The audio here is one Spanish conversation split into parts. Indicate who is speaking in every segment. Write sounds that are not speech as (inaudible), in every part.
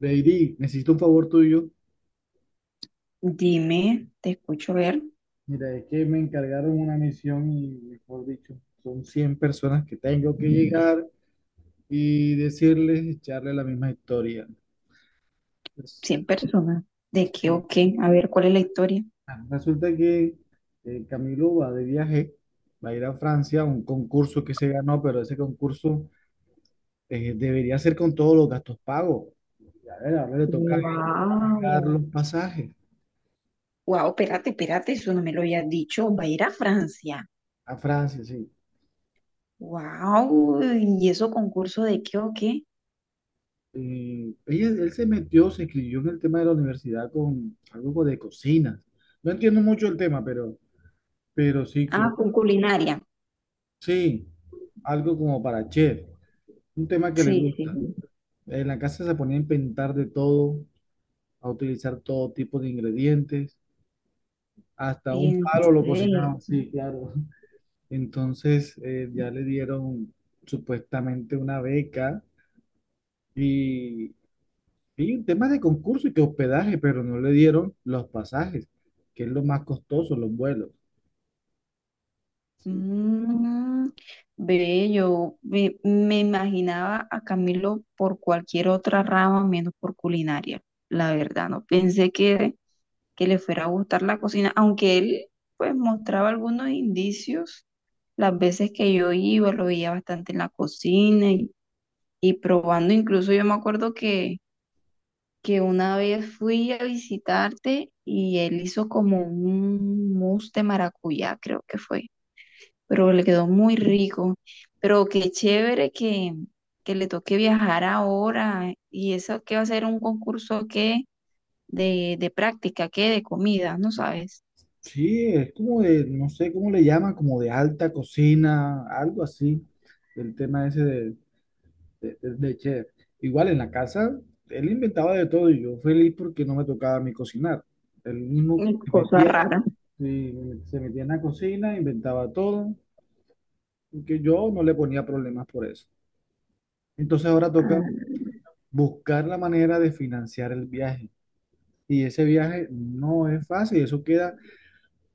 Speaker 1: Lady, necesito un favor tuyo.
Speaker 2: Dime, te escucho ver.
Speaker 1: Mira, es que me encargaron una misión y, mejor dicho, son 100 personas que tengo que llegar y decirles, echarle la misma historia. Pues,
Speaker 2: 100 personas. ¿De qué
Speaker 1: y,
Speaker 2: o qué? A ver, ¿cuál es la historia?
Speaker 1: resulta que Camilo va de viaje, va a ir a Francia a un concurso que se ganó, pero ese concurso debería ser con todos los gastos pagos. Y, a ver, ahora le toca pagar
Speaker 2: Wow.
Speaker 1: los pasajes
Speaker 2: Wow, espérate, espérate, eso no me lo habías dicho. Va a ir a Francia.
Speaker 1: a Francia, sí.
Speaker 2: Wow. ¿Y eso concurso de qué o qué?
Speaker 1: Él se metió, se escribió en el tema de la universidad con algo de cocina. No entiendo mucho el tema, pero sí,
Speaker 2: Ah, con culinaria.
Speaker 1: sí, algo como para chef, un tema que le
Speaker 2: Sí, sí.
Speaker 1: gusta. En la casa se ponía a inventar de todo, a utilizar todo tipo de ingredientes, hasta
Speaker 2: Sí.
Speaker 1: un
Speaker 2: En
Speaker 1: palo lo
Speaker 2: serio.
Speaker 1: cocinaban, sí, claro. Entonces ya le dieron supuestamente una beca y vi un tema de concurso y que hospedaje, pero no le dieron los pasajes, que es lo más costoso, los vuelos. Sí,
Speaker 2: Mm, ve, yo me imaginaba a Camilo por cualquier otra rama menos por culinaria. La verdad, no pensé que le fuera a gustar la cocina, aunque él pues mostraba algunos indicios las veces que yo iba, lo veía bastante en la cocina y probando, incluso yo me acuerdo que una vez fui a visitarte y él hizo como un mousse de maracuyá, creo que fue, pero le quedó muy rico, pero qué chévere que le toque viajar ahora y eso que va a ser un concurso que de práctica, que de comida, ¿no sabes?
Speaker 1: sí, es como de, no sé cómo le llaman, como de alta cocina, algo así, el tema ese de chef. Igual en la casa, él inventaba de todo y yo feliz porque no me tocaba a mí cocinar. Él mismo se
Speaker 2: Cosa
Speaker 1: metía,
Speaker 2: rara.
Speaker 1: sí, se metía en la cocina, inventaba todo, porque yo no le ponía problemas por eso. Entonces ahora toca
Speaker 2: Ah,
Speaker 1: buscar la manera de financiar el viaje. Y ese viaje no es fácil, eso queda,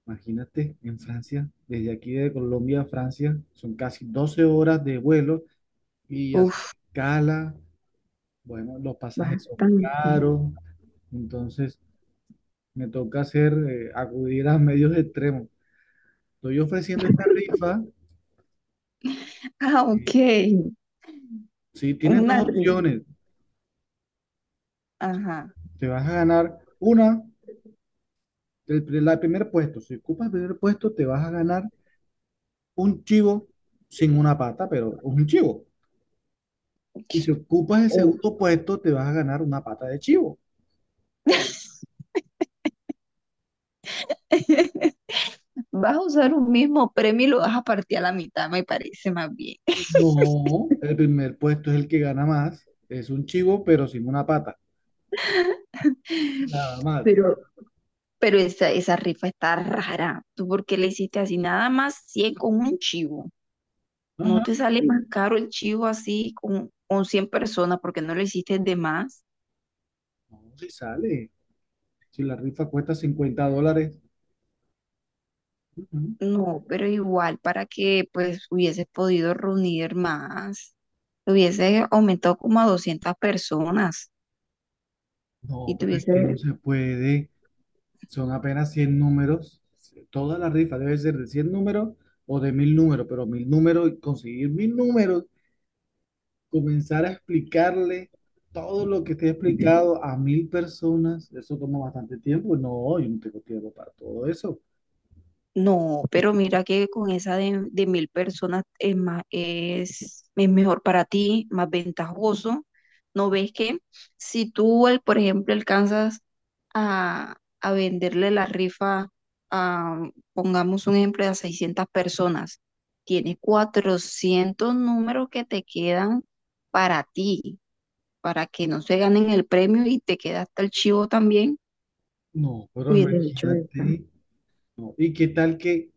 Speaker 1: imagínate, en Francia, desde aquí de Colombia a Francia, son casi 12 horas de vuelo y hacer
Speaker 2: uf,
Speaker 1: escala, bueno, los pasajes son
Speaker 2: bastante.
Speaker 1: caros, entonces me toca hacer, acudir a medios extremos. Estoy ofreciendo esta rifa,
Speaker 2: (laughs) Ah,
Speaker 1: eh,
Speaker 2: ok.
Speaker 1: si tienes
Speaker 2: Una
Speaker 1: dos
Speaker 2: ri-
Speaker 1: opciones,
Speaker 2: Ajá.
Speaker 1: te vas a ganar una, el primer puesto, si ocupas el primer puesto, te vas a ganar un chivo sin una pata, pero es un chivo.
Speaker 2: (laughs) Ok.
Speaker 1: Y si ocupas el
Speaker 2: Oh.
Speaker 1: segundo puesto, te vas a ganar una pata de chivo.
Speaker 2: Vas a usar un mismo premio y lo vas a partir a la mitad, me parece más bien.
Speaker 1: No, el primer puesto es el que gana más. Es un chivo, pero sin una pata. Nada más.
Speaker 2: Pero, pero esa rifa está rara. ¿Tú por qué le hiciste así? Nada más 100 con un chivo. ¿No
Speaker 1: Ajá.
Speaker 2: te sale más caro el chivo así con 100 personas porque no lo hiciste de más?
Speaker 1: No, si sale. Si la rifa cuesta $50. Ujú.
Speaker 2: No, pero igual para que pues hubiese podido reunir más, hubiese aumentado como a 200 personas
Speaker 1: No,
Speaker 2: y
Speaker 1: pero es
Speaker 2: tuviese.
Speaker 1: que no se puede. Son apenas 100 números. Toda la rifa debe ser de 100 números o de 1000 números, pero 1000 números, y conseguir 1000 números comenzar a explicarle todo lo que te he explicado a 1000 personas, eso toma bastante tiempo. No, yo no tengo tiempo para todo eso.
Speaker 2: No, pero mira que con esa de 1000 personas es más, es mejor para ti, más ventajoso. ¿No ves que si tú, por ejemplo, alcanzas a venderle la rifa a, pongamos un ejemplo, a 600 personas, tienes 400 números que te quedan para ti, para que no se ganen el premio y te queda hasta el chivo también?
Speaker 1: No, pero
Speaker 2: Hubiese hecho eso.
Speaker 1: imagínate. No. ¿Y qué tal que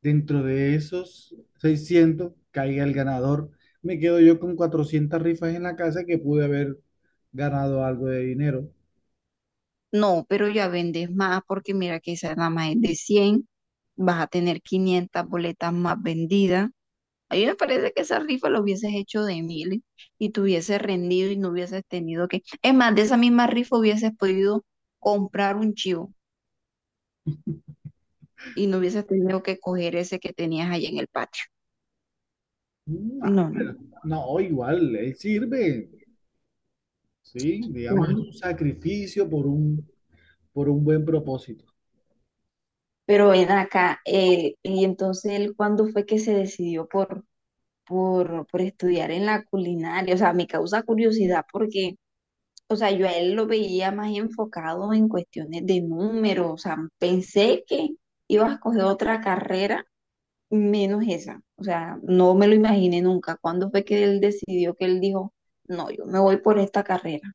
Speaker 1: dentro de esos 600 caiga el ganador? Me quedo yo con 400 rifas en la casa que pude haber ganado algo de dinero.
Speaker 2: No, pero ya vendes más porque mira que esa nada más es de 100, vas a tener 500 boletas más vendidas. A mí me parece que esa rifa lo hubieses hecho de 1000 y te hubieses rendido y no hubieses tenido que... Es más, de esa misma rifa hubieses podido comprar un chivo y no hubieses tenido que coger ese que tenías allá en el patio.
Speaker 1: Mm, ay,
Speaker 2: No, no,
Speaker 1: no, igual, él sirve, ¿sí?
Speaker 2: no.
Speaker 1: Digamos, es un
Speaker 2: No.
Speaker 1: sacrificio por un buen propósito.
Speaker 2: Pero ven acá, y entonces él, ¿cuándo fue que se decidió por, por estudiar en la culinaria? O sea, me causa curiosidad porque, o sea, yo a él lo veía más enfocado en cuestiones de números. O sea, pensé que iba a escoger otra carrera menos esa. O sea, no me lo imaginé nunca. ¿Cuándo fue que él decidió que él dijo, no, yo me voy por esta carrera?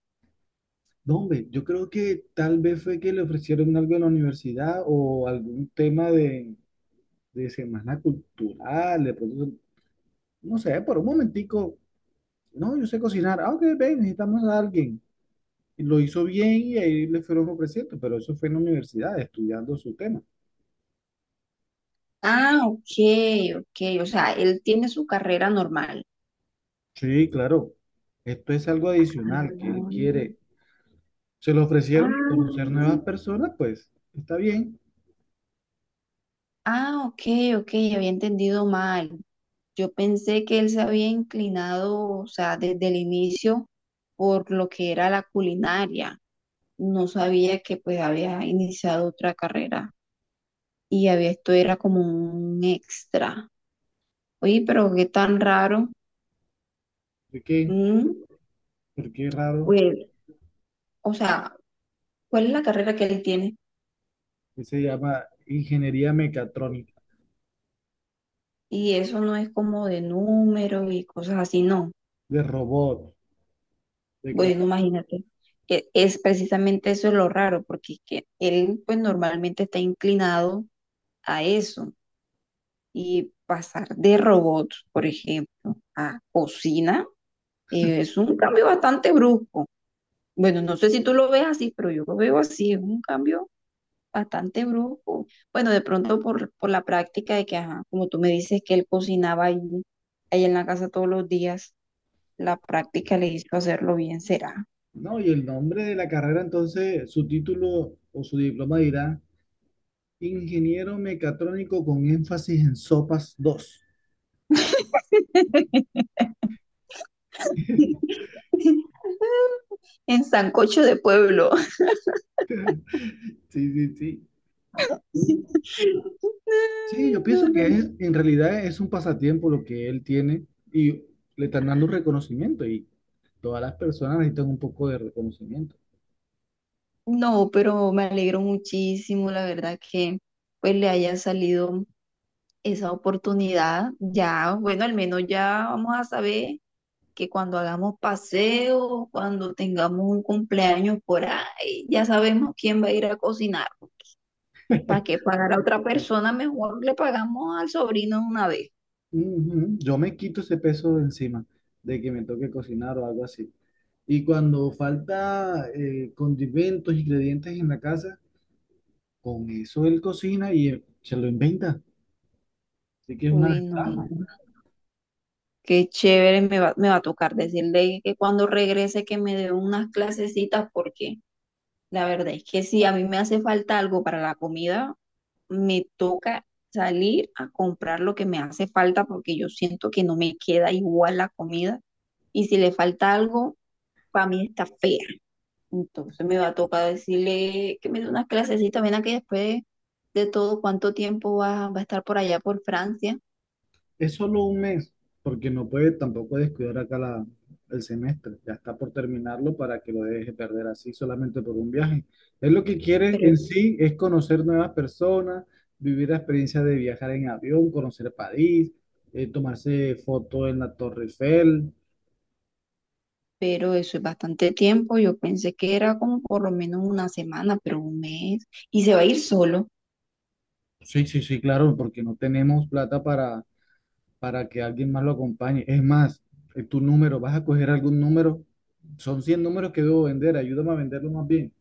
Speaker 1: No, hombre, yo creo que tal vez fue que le ofrecieron algo en la universidad o algún tema de semana cultural, de pronto, no sé, por un momentico, no, yo sé cocinar, ah, ok, ven, necesitamos a alguien. Y lo hizo bien y ahí le fueron ofreciendo, pero eso fue en la universidad, estudiando su tema.
Speaker 2: Ah, ok, ok, o sea, él tiene su carrera normal.
Speaker 1: Sí, claro, esto es algo adicional que
Speaker 2: Ah,
Speaker 1: él quiere. Se lo ofrecieron y conocer
Speaker 2: ah,
Speaker 1: nuevas personas, pues está bien.
Speaker 2: ah, ok, ok, había entendido mal. Yo pensé que él se había inclinado, o sea, desde el inicio por lo que era la culinaria. No sabía que pues había iniciado otra carrera y había, esto era como un extra. Oye, pero qué tan raro.
Speaker 1: ¿Por qué?
Speaker 2: Mm,
Speaker 1: ¿Por qué raro?
Speaker 2: pues, o sea, ¿cuál es la carrera que él tiene?
Speaker 1: Que se llama ingeniería mecatrónica.
Speaker 2: Y eso no es como de números y cosas así, no.
Speaker 1: De robot, de crear.
Speaker 2: Bueno, imagínate que es precisamente eso lo raro, porque es que él pues normalmente está inclinado a eso. Y pasar de robots, por ejemplo, a cocina, es un cambio bastante brusco. Bueno, no sé si tú lo ves así, pero yo lo veo así, es un cambio bastante brusco. Bueno, de pronto por, la práctica de que, ajá, como tú me dices que él cocinaba ahí en la casa todos los días, la práctica le hizo hacerlo bien, será.
Speaker 1: No, y el nombre de la carrera, entonces, su título o su diploma dirá Ingeniero Mecatrónico con énfasis en sopas dos. (laughs)
Speaker 2: (laughs) En sancocho de pueblo. (laughs)
Speaker 1: Sí, sí, sí. Sí,
Speaker 2: Ay,
Speaker 1: yo
Speaker 2: no,
Speaker 1: pienso
Speaker 2: no,
Speaker 1: que es,
Speaker 2: no.
Speaker 1: en realidad es un pasatiempo lo que él tiene y le están dando un reconocimiento y todas las personas necesitan un poco de reconocimiento.
Speaker 2: No, pero me alegro muchísimo, la verdad, que pues le haya salido esa oportunidad. Ya, bueno, al menos ya vamos a saber que cuando hagamos paseo, cuando tengamos un cumpleaños por ahí, ya sabemos quién va a ir a cocinar. ¿Para qué pagar a otra persona? Mejor le pagamos al sobrino de una vez.
Speaker 1: Ujú, yo me quito ese peso de encima de que me toque cocinar o algo así. Y cuando falta condimentos, ingredientes en la casa, con eso él cocina y se lo inventa. Así que es una
Speaker 2: Uy, no, no,
Speaker 1: ventaja.
Speaker 2: no, qué chévere, me va a tocar decirle que cuando regrese que me dé unas clasecitas, porque la verdad es que si a mí me hace falta algo para la comida, me toca salir a comprar lo que me hace falta porque yo siento que no me queda igual la comida, y si le falta algo, para mí está fea. Entonces me va a tocar decirle que me dé unas clasecitas. Ven aquí, después de todo, ¿cuánto tiempo va, va a estar por allá por Francia?
Speaker 1: Es solo un mes, porque no puede tampoco descuidar acá la, el semestre. Ya está por terminarlo para que lo deje perder así solamente por un viaje. Él lo que quiere
Speaker 2: pero,
Speaker 1: en sí es conocer nuevas personas, vivir la experiencia de viajar en avión, conocer París, tomarse foto en la Torre Eiffel.
Speaker 2: pero eso es bastante tiempo, yo pensé que era como por lo menos una semana, pero un mes, y se va a ir solo.
Speaker 1: Sí, sí, sí, claro, porque no tenemos plata para que alguien más lo acompañe. Es más, tu número, vas a coger algún número. Son 100 números que debo vender, ayúdame a venderlo más bien.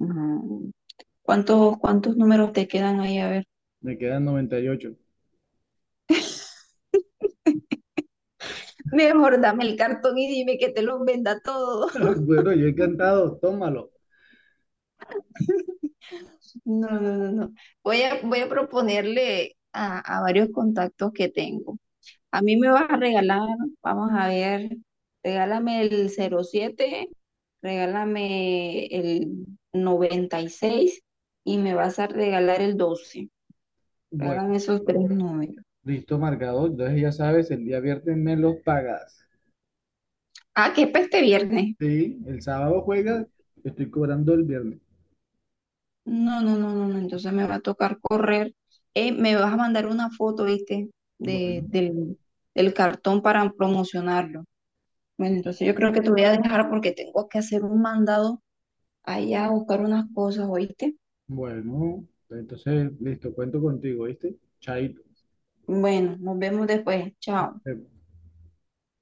Speaker 2: No. ¿Cuántos números te quedan ahí? A ver.
Speaker 1: Me quedan 98.
Speaker 2: Mejor dame el cartón y dime que te los venda todo.
Speaker 1: (laughs) Bueno, yo
Speaker 2: (laughs)
Speaker 1: encantado, tómalo.
Speaker 2: No, no, no, no. Voy a proponerle a varios contactos que tengo. A mí me vas a regalar, vamos a ver, regálame el 07, regálame el 96, y me vas a regalar el 12.
Speaker 1: Bueno,
Speaker 2: Regálame esos tres números.
Speaker 1: listo, marcado. Entonces ya sabes, el día viernes me los pagas.
Speaker 2: Ah, que es para este viernes.
Speaker 1: Sí, el sábado juegas, te estoy cobrando el viernes.
Speaker 2: No, no, no, no, no, entonces me va a tocar correr. Me vas a mandar una foto, ¿viste? De,
Speaker 1: Bueno,
Speaker 2: del, Del cartón para promocionarlo. Bueno, entonces yo creo que te voy a dejar porque tengo que hacer un mandado allá a buscar unas cosas, ¿oíste?
Speaker 1: bueno, entonces listo, cuento contigo, ¿viste? Chaito.
Speaker 2: Bueno, nos vemos después. Chao.